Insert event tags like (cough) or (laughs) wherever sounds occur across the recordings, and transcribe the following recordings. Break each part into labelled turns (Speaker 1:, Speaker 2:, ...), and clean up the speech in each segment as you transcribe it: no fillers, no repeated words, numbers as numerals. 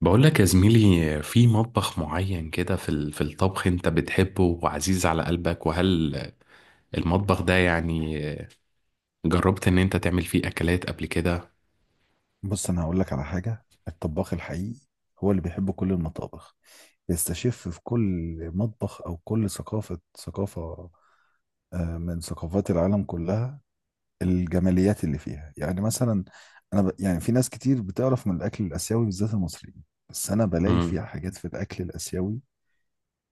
Speaker 1: بقول لك يا زميلي، في مطبخ معين كده، في الطبخ انت بتحبه وعزيز على قلبك، وهل المطبخ ده يعني جربت ان انت تعمل فيه اكلات قبل كده؟
Speaker 2: بص انا هقول لك على حاجه. الطباخ الحقيقي هو اللي بيحب كل المطابخ، بيستشف في كل مطبخ او كل ثقافه من ثقافات العالم كلها الجماليات اللي فيها. يعني مثلا انا يعني في ناس كتير بتعرف من الاكل الاسيوي بالذات المصريين، بس انا بلاقي
Speaker 1: مم.
Speaker 2: فيها حاجات. في الاكل الاسيوي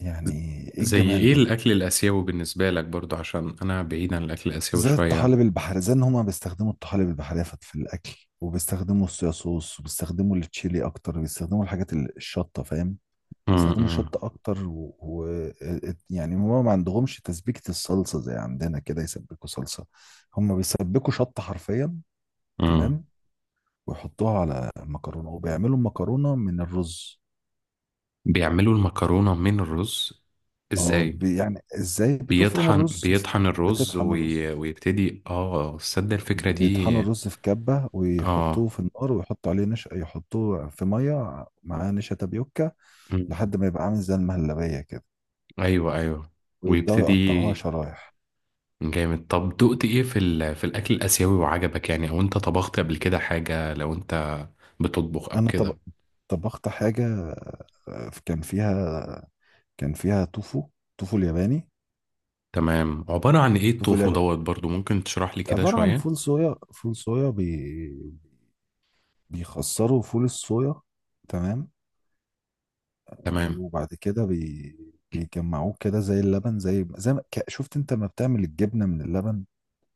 Speaker 2: يعني ايه
Speaker 1: زي
Speaker 2: الجمال
Speaker 1: ايه
Speaker 2: ده؟
Speaker 1: الاكل الاسيوي بالنسبة لك برضو؟ عشان انا بعيد عن الاكل الاسيوي
Speaker 2: زي
Speaker 1: شوية.
Speaker 2: الطحالب البحرية، زي ان هما بيستخدموا الطحالب البحرية في الاكل، وبيستخدموا الصويا صوص، وبيستخدموا التشيلي اكتر، وبيستخدموا الحاجات الشطة، فاهم؟
Speaker 1: مم.
Speaker 2: بيستخدموا
Speaker 1: مم.
Speaker 2: شطة أكتر يعني هما ما عندهمش تسبيكة الصلصة زي عندنا كده، يسبكوا صلصة، هما بيسبكوا شطة حرفيا.
Speaker 1: مم.
Speaker 2: تمام. ويحطوها على مكرونة، وبيعملوا مكرونة من الرز.
Speaker 1: بيعملوا المكرونة من الرز؟
Speaker 2: اه
Speaker 1: ازاي؟
Speaker 2: يعني ازاي؟ بتفرم
Speaker 1: بيطحن
Speaker 2: الرز،
Speaker 1: بيطحن الرز
Speaker 2: بتطحن الرز،
Speaker 1: ويبتدي. اه تصدق الفكرة دي؟
Speaker 2: بيطحنوا الرز في كبة ويحطوه
Speaker 1: اه.
Speaker 2: في النار، ويحطوا عليه نشا، يحطوه في مية معاه نشا تابيوكا
Speaker 1: مم.
Speaker 2: لحد ما يبقى عامل زي المهلبية كده،
Speaker 1: ايوه، ايوه.
Speaker 2: ويبدأوا
Speaker 1: ويبتدي.
Speaker 2: يقطعوها شرايح.
Speaker 1: جامد. طب دقت ايه في الاكل الاسيوي وعجبك يعني؟ او انت طبخت قبل كده حاجه، لو انت بتطبخ او
Speaker 2: انا طب...
Speaker 1: كده؟
Speaker 2: طبخت حاجه، كان فيها، كان فيها توفو، توفو الياباني.
Speaker 1: تمام. عباره عن ايه
Speaker 2: توفو
Speaker 1: التوفو
Speaker 2: الياباني
Speaker 1: دوت؟ برضو ممكن تشرح لي كده
Speaker 2: عباره عن
Speaker 1: شويه.
Speaker 2: فول صويا، فول صويا بيخسروا فول الصويا، تمام، آه،
Speaker 1: تمام.
Speaker 2: وبعد كده بي... بيجمعوه كده زي اللبن، زي زي ما... ك- شفت انت ما بتعمل الجبنه من اللبن،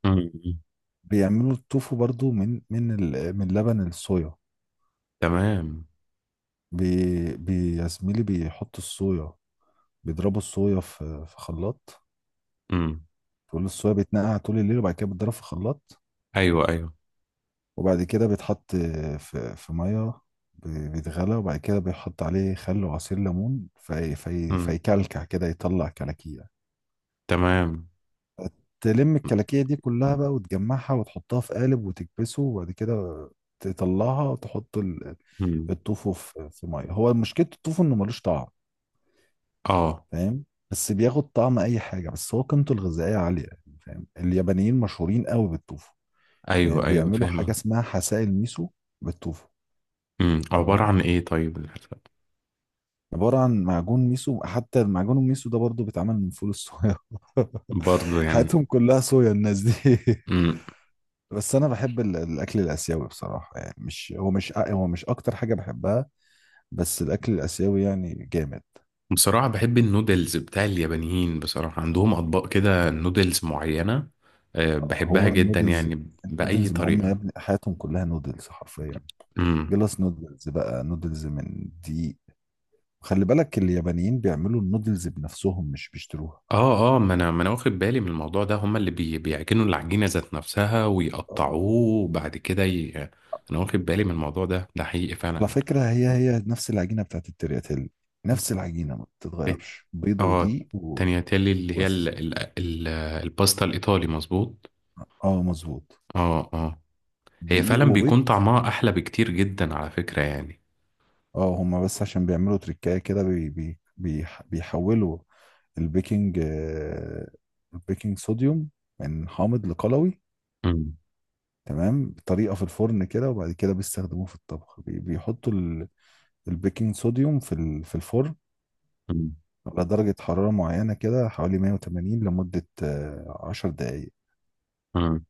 Speaker 1: مم.
Speaker 2: بيعملوا التوفو برضو من من لبن الصويا.
Speaker 1: تمام.
Speaker 2: يا زميلي بيحطوا الصويا، بيضربوا الصويا في خلاط.
Speaker 1: مم.
Speaker 2: فول الصويا بيتنقع طول الليل، وبعد كده بيتضرب في خلاط،
Speaker 1: ايوه، ايوه.
Speaker 2: وبعد كده بيتحط في ميه، بيتغلى، وبعد كده بيحط عليه خل وعصير ليمون في
Speaker 1: مم.
Speaker 2: فيكلكع كده يطلع كلاكيع.
Speaker 1: تمام.
Speaker 2: تلم الكلاكيع دي كلها بقى وتجمعها وتحطها في قالب وتكبسه، وبعد كده تطلعها وتحط
Speaker 1: مم.
Speaker 2: الطوفو في ميه. هو مشكلة الطوفو انه ملوش طعم،
Speaker 1: اه.
Speaker 2: فاهم؟ بس بياخد طعم اي حاجة، بس هو قيمته الغذائية عالية، يعني، فاهم؟ اليابانيين مشهورين قوي بالطوفو، يعني
Speaker 1: ايوه، ايوه.
Speaker 2: بيعملوا
Speaker 1: فاهمه.
Speaker 2: حاجة اسمها حسائل ميسو بالطوفة.
Speaker 1: مم. عباره
Speaker 2: تمام،
Speaker 1: عن ايه طيب الحرفة؟
Speaker 2: عبارة عن معجون ميسو. حتى المعجون الميسو ده برضو بيتعمل من فول الصويا.
Speaker 1: برضو
Speaker 2: (laughs)
Speaker 1: يعني.
Speaker 2: حياتهم كلها صويا الناس دي. (laughs) بس أنا بحب الأكل الآسيوي بصراحة، يعني مش هو مش أ- هو مش أكتر حاجة بحبها، بس الأكل الآسيوي يعني جامد.
Speaker 1: بصراحة بحب النودلز بتاع اليابانيين. بصراحة عندهم أطباق كده نودلز معينة، بحبها
Speaker 2: هو
Speaker 1: جدا
Speaker 2: النودلز،
Speaker 1: يعني، بأي
Speaker 2: النودلز ما هم يا
Speaker 1: طريقة.
Speaker 2: ابني حياتهم كلها نودلز حرفيا.
Speaker 1: امم.
Speaker 2: جلاس نودلز بقى، نودلز من دقيق. خلي بالك اليابانيين بيعملوا النودلز بنفسهم، مش بيشتروها.
Speaker 1: اه، اه، ما انا واخد بالي من الموضوع ده. هما اللي بيعجنوا العجينة ذات نفسها ويقطعوه وبعد كده انا واخد بالي من الموضوع ده. ده حقيقي
Speaker 2: على
Speaker 1: فعلا.
Speaker 2: فكرة هي نفس العجينة بتاعت الترياتيل، نفس العجينة ما
Speaker 1: الت-
Speaker 2: بتتغيرش، بيض
Speaker 1: اه
Speaker 2: ودقيق
Speaker 1: تانياتيلي اللي هي
Speaker 2: وبس.
Speaker 1: الباستا الإيطالي، مظبوط.
Speaker 2: اه مظبوط،
Speaker 1: اه، اه. هي
Speaker 2: دقيق
Speaker 1: فعلا
Speaker 2: وبيض.
Speaker 1: بيكون طعمها أحلى بكتير جدا على فكرة يعني.
Speaker 2: اه هما بس عشان بيعملوا تريكاية كده بي بي بي بيحولوا البيكنج، البيكنج صوديوم من حامض لقلوي، تمام، بطريقة في الفرن كده. وبعد كده بيستخدموه في الطبخ، بيحطوا البيكنج صوديوم في الفرن على درجة حرارة معينة كده، حوالي 180 لمدة 10 دقايق.
Speaker 1: امم.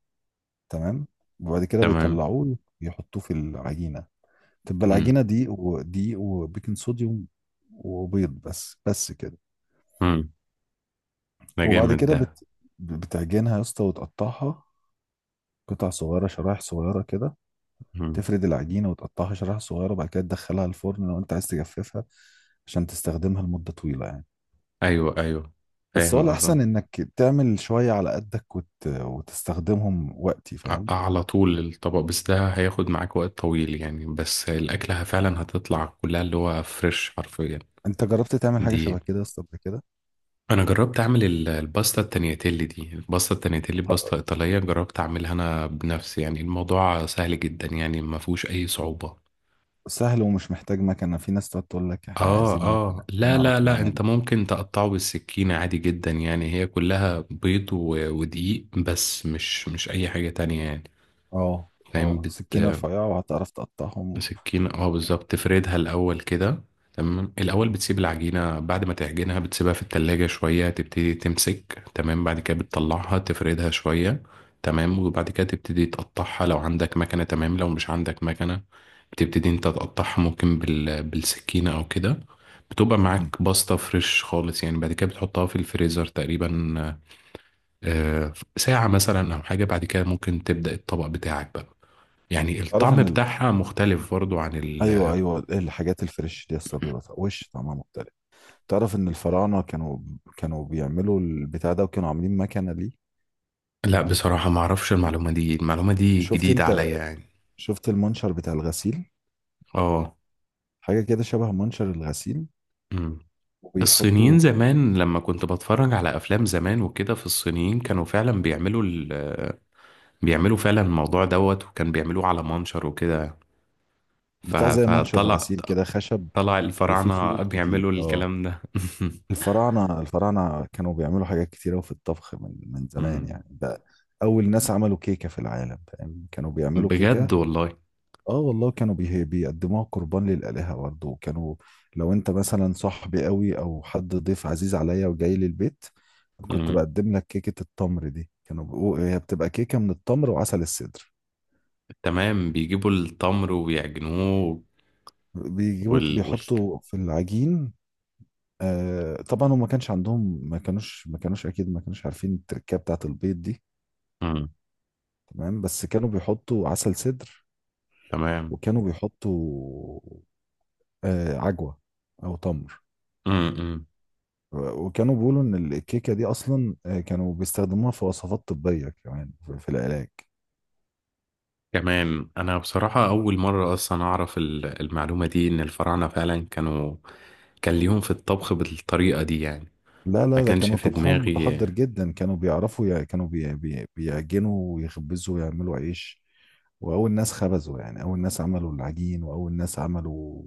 Speaker 2: تمام. وبعد كده
Speaker 1: تمام.
Speaker 2: بيطلعوه يحطوه في العجينة، تبقى
Speaker 1: مم.
Speaker 2: العجينة دقيق ودقيق وبيكنج صوديوم وبيض، بس كده.
Speaker 1: مم. ده
Speaker 2: وبعد
Speaker 1: جامد
Speaker 2: كده
Speaker 1: ده.
Speaker 2: بت... بتعجنها يا اسطى وتقطعها قطع صغيرة، شرايح صغيرة كده.
Speaker 1: مم.
Speaker 2: تفرد العجينة وتقطعها شرايح صغيرة، بعد كده تدخلها الفرن لو انت عايز تجففها عشان تستخدمها لمدة طويلة، يعني.
Speaker 1: ايوه، ايوه.
Speaker 2: بس هو
Speaker 1: فاهم قصدي.
Speaker 2: الأحسن إنك تعمل شوية على قدك وتستخدمهم وقتي، فاهم؟
Speaker 1: على طول الطبق، بس ده هياخد معاك وقت طويل يعني، بس الاكله فعلا هتطلع كلها اللي هو فريش حرفيا.
Speaker 2: أنت جربت تعمل حاجة
Speaker 1: دي.
Speaker 2: شبه كده يا اسطى قبل كده؟
Speaker 1: انا جربت اعمل الباستا التانياتيلي دي. الباستا التانياتيلي باستا ايطاليه، جربت اعملها انا بنفسي يعني. الموضوع سهل جدا يعني، ما فيهوش اي صعوبه.
Speaker 2: سهل ومش محتاج مكنة. في ناس تقعد تقول لك احنا
Speaker 1: اه،
Speaker 2: عايزين مكنة
Speaker 1: اه.
Speaker 2: عشان
Speaker 1: لا،
Speaker 2: نعرف
Speaker 1: لا، لا، انت
Speaker 2: نعمل.
Speaker 1: ممكن تقطعه بالسكينة عادي جدا يعني. هي كلها بيض ودقيق، بس مش اي حاجة تانية يعني.
Speaker 2: اه
Speaker 1: فاهم
Speaker 2: اه سكينة رفيعة وهتعرف تقطعهم.
Speaker 1: بسكينة، اه، بالظبط. تفردها الأول كده. تمام. الأول
Speaker 2: مم.
Speaker 1: بتسيب العجينة، بعد ما تعجنها بتسيبها في التلاجة شوية تبتدي تمسك، تمام، بعد كده بتطلعها تفردها شوية. تمام. وبعد كده تبتدي تقطعها لو عندك مكنة. تمام. لو مش عندك مكنة، بتبتدي انت تقطعها، ممكن بالسكينة أو كده. بتبقى
Speaker 2: مم.
Speaker 1: معاك باستا فريش خالص يعني. بعد كده بتحطها في الفريزر تقريبا ساعة مثلا أو حاجة. بعد كده ممكن تبدأ الطبق بتاعك بقى. يعني
Speaker 2: تعرف
Speaker 1: الطعم
Speaker 2: ان ال...
Speaker 1: بتاعها مختلف برضو عن
Speaker 2: ايوه ايوه، الحاجات الفريش دي اصلا بيبقى وش طعمها مختلف. تعرف ان الفراعنة كانوا، كانوا بيعملوا البتاع ده، وكانوا عاملين مكنة ليه.
Speaker 1: لا، بصراحة ما اعرفش المعلومة دي. المعلومة دي
Speaker 2: شفت
Speaker 1: جديدة
Speaker 2: انت،
Speaker 1: عليا يعني.
Speaker 2: شفت المنشر بتاع الغسيل؟
Speaker 1: اه.
Speaker 2: حاجة كده شبه منشر الغسيل،
Speaker 1: أمم. الصينيين
Speaker 2: وبيحطوا
Speaker 1: زمان لما كنت بتفرج على افلام زمان وكده، في الصينيين كانوا فعلا بيعملوا فعلا الموضوع دوت، وكان بيعملوه على منشر وكده. ف...
Speaker 2: بتاع زي منشر
Speaker 1: فطلع
Speaker 2: الغسيل كده خشب،
Speaker 1: طلع
Speaker 2: وفيه
Speaker 1: الفراعنة
Speaker 2: خيوط
Speaker 1: بيعملوا
Speaker 2: كتير. اه،
Speaker 1: الكلام ده (laughs)
Speaker 2: الفراعنة كانوا بيعملوا حاجات كتير أوي في الطبخ من زمان،
Speaker 1: أمم.
Speaker 2: يعني ده أول ناس عملوا كيكة في العالم، فاهم؟ كانوا بيعملوا كيكة.
Speaker 1: بجد والله؟
Speaker 2: اه والله، كانوا بيقدموها قربان للآلهة برضه. وكانوا، لو أنت مثلا صاحبي أوي أو حد ضيف عزيز عليا وجاي لي البيت، كنت
Speaker 1: أمم.
Speaker 2: بقدم لك كيكة التمر دي. هي بتبقى كيكة من التمر وعسل السدر.
Speaker 1: تمام. بيجيبوا التمر ويعجنوه
Speaker 2: بيجيبوا
Speaker 1: وال, وال...
Speaker 2: بيحطوا في العجين. آه طبعا هم ما كانش عندهم، ما كانوش اكيد ما كانوش عارفين التركيبه بتاعت البيض دي.
Speaker 1: أمم.
Speaker 2: تمام، بس كانوا بيحطوا عسل سدر،
Speaker 1: تمام.
Speaker 2: وكانوا بيحطوا عجوة أو تمر،
Speaker 1: أمم.
Speaker 2: وكانوا بيقولوا إن الكيكة دي أصلا، كانوا بيستخدموها في وصفات طبية كمان في العلاج.
Speaker 1: كمان انا بصراحة اول مرة اصلا اعرف المعلومة دي، ان الفراعنة فعلا كان ليهم في الطبخ بالطريقة دي يعني.
Speaker 2: لا
Speaker 1: ما
Speaker 2: لا، ده
Speaker 1: كانش
Speaker 2: كانوا
Speaker 1: في
Speaker 2: طبخهم
Speaker 1: دماغي.
Speaker 2: متحضر جدا، كانوا كانوا بي بي بيعجنوا ويخبزوا ويعملوا عيش، وأول ناس خبزوا، يعني أول ناس عملوا العجين، وأول ناس عملوا،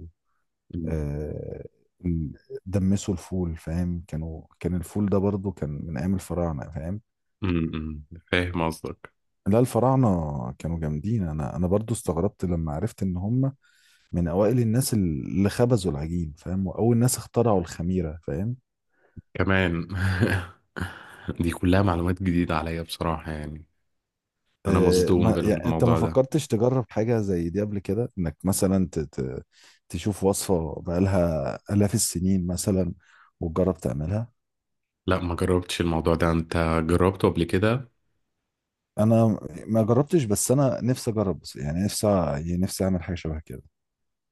Speaker 1: أمم.
Speaker 2: آه، ال- دمسوا الفول، فاهم؟ كانوا، كان الفول ده برضو كان من أيام الفراعنة، فاهم؟
Speaker 1: أمم. فاهم قصدك.
Speaker 2: لا الفراعنة كانوا جامدين. أنا برضو استغربت لما عرفت إن هم من أوائل الناس اللي خبزوا العجين، فاهم؟ وأول ناس اخترعوا الخميرة، فاهم؟
Speaker 1: كمان (laughs) دي كلها معلومات جديدة عليا بصراحة يعني. انا
Speaker 2: أه
Speaker 1: مصدوم
Speaker 2: ما يعني أنت ما
Speaker 1: بالموضوع ده.
Speaker 2: فكرتش تجرب حاجة زي دي قبل كده، إنك مثلا تشوف وصفة بقالها آلاف السنين مثلا وتجرب تعملها؟
Speaker 1: لا، ما جربتش الموضوع ده. انت جربته قبل كده؟
Speaker 2: أنا ما جربتش، بس أنا نفسي أجرب، يعني نفسي، يعني نفسي أعمل حاجة شبه كده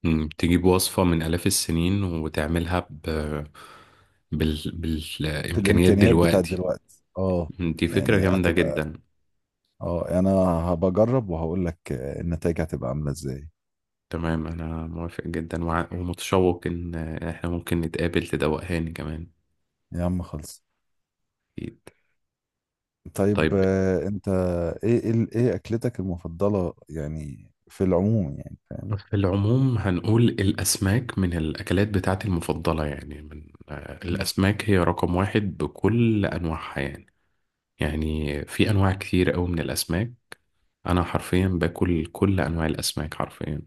Speaker 1: أمم. تجيب وصفة من آلاف السنين وتعملها ب... بال...
Speaker 2: في
Speaker 1: بالإمكانيات
Speaker 2: الإمكانيات بتاعت
Speaker 1: دلوقتي.
Speaker 2: دلوقتي. اه
Speaker 1: أمم. دي فكرة
Speaker 2: يعني
Speaker 1: جامدة
Speaker 2: هتبقى،
Speaker 1: جدا.
Speaker 2: اه يعني انا هبجرب وهقول لك، النتائج هتبقى عامله ازاي.
Speaker 1: تمام. أنا موافق جدا ومتشوق إن إحنا ممكن نتقابل تدوقهاني كمان.
Speaker 2: يا عم خلص.
Speaker 1: أكيد.
Speaker 2: طيب
Speaker 1: طيب،
Speaker 2: انت ايه ايه اكلتك المفضله يعني في العموم، يعني فاهم؟
Speaker 1: في العموم هنقول الأسماك من الأكلات بتاعتي المفضلة يعني، من
Speaker 2: مم.
Speaker 1: الأسماك هي رقم واحد بكل أنواعها يعني. يعني في أنواع كتير أوي من الأسماك. أنا حرفيا باكل كل أنواع الأسماك حرفيا.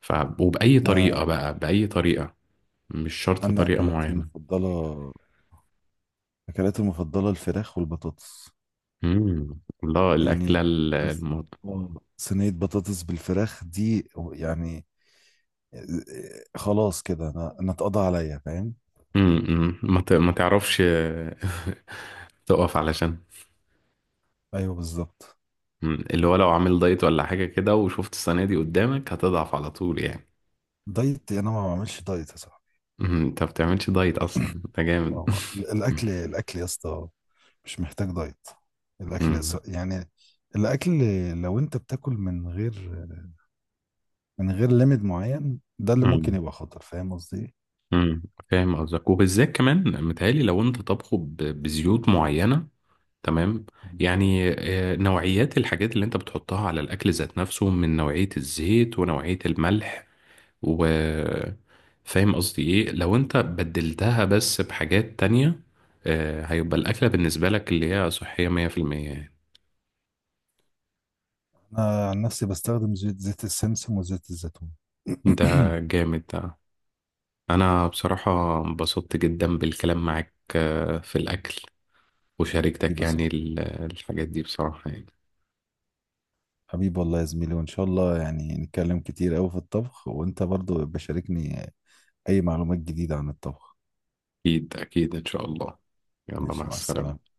Speaker 1: ف... وبأي
Speaker 2: انا
Speaker 1: طريقة بقى، بأي طريقة، مش شرط
Speaker 2: انا
Speaker 1: طريقة
Speaker 2: اكلاتي
Speaker 1: معينة.
Speaker 2: المفضله اكلاتي المفضله الفراخ والبطاطس،
Speaker 1: مم. الله،
Speaker 2: يعني،
Speaker 1: الأكلة.
Speaker 2: بس، صينيه بطاطس بالفراخ دي يعني، خلاص كده انا اتقضى عليا، فاهم؟
Speaker 1: امم. ما تعرفش (laughs) تقف علشان.
Speaker 2: ايوه بالظبط.
Speaker 1: مم. اللي هو لو عامل دايت ولا حاجة كده، وشفت السنة دي قدامك، هتضعف على طول يعني.
Speaker 2: دايت؟ انا ما بعملش دايت يا صاحبي.
Speaker 1: مم. انت ما بتعملش دايت اصلا؟ انت
Speaker 2: ايوه،
Speaker 1: جامد. (laughs)
Speaker 2: هو الاكل، الاكل يا اسطى مش محتاج دايت.
Speaker 1: مم.
Speaker 2: يعني الاكل لو انت بتاكل من غير، من غير ليميت معين، ده اللي ممكن
Speaker 1: مم.
Speaker 2: يبقى خطر. فاهم قصدي ايه؟
Speaker 1: مم. فاهم قصدك. وبالذات كمان متهيألي لو انت طبخه بزيوت معينة. تمام.
Speaker 2: يعني
Speaker 1: يعني نوعيات الحاجات اللي انت بتحطها على الاكل ذات نفسه، من نوعية الزيت ونوعية الملح و، فاهم قصدي ايه؟ لو انت بدلتها بس بحاجات تانية، هيبقى الأكلة بالنسبة لك اللي هي صحية 100% يعني.
Speaker 2: انا عن نفسي بستخدم زيت، زيت السمسم وزيت الزيتون. (coughs)
Speaker 1: ده
Speaker 2: (clears throat)
Speaker 1: جامد ده. أنا بصراحة انبسطت جدا بالكلام معاك في الأكل، وشاركتك
Speaker 2: حبيبي
Speaker 1: يعني
Speaker 2: صح.
Speaker 1: الحاجات دي بصراحة يعني.
Speaker 2: حبيبي والله يا زميلي، وان شاء الله يعني نتكلم كتير قوي في الطبخ، وانت برضو بشاركني اي معلومات جديدة عن الطبخ.
Speaker 1: أكيد أكيد إن شاء الله. يلا،
Speaker 2: ماشي،
Speaker 1: مع
Speaker 2: مع
Speaker 1: السلامة.
Speaker 2: السلامة.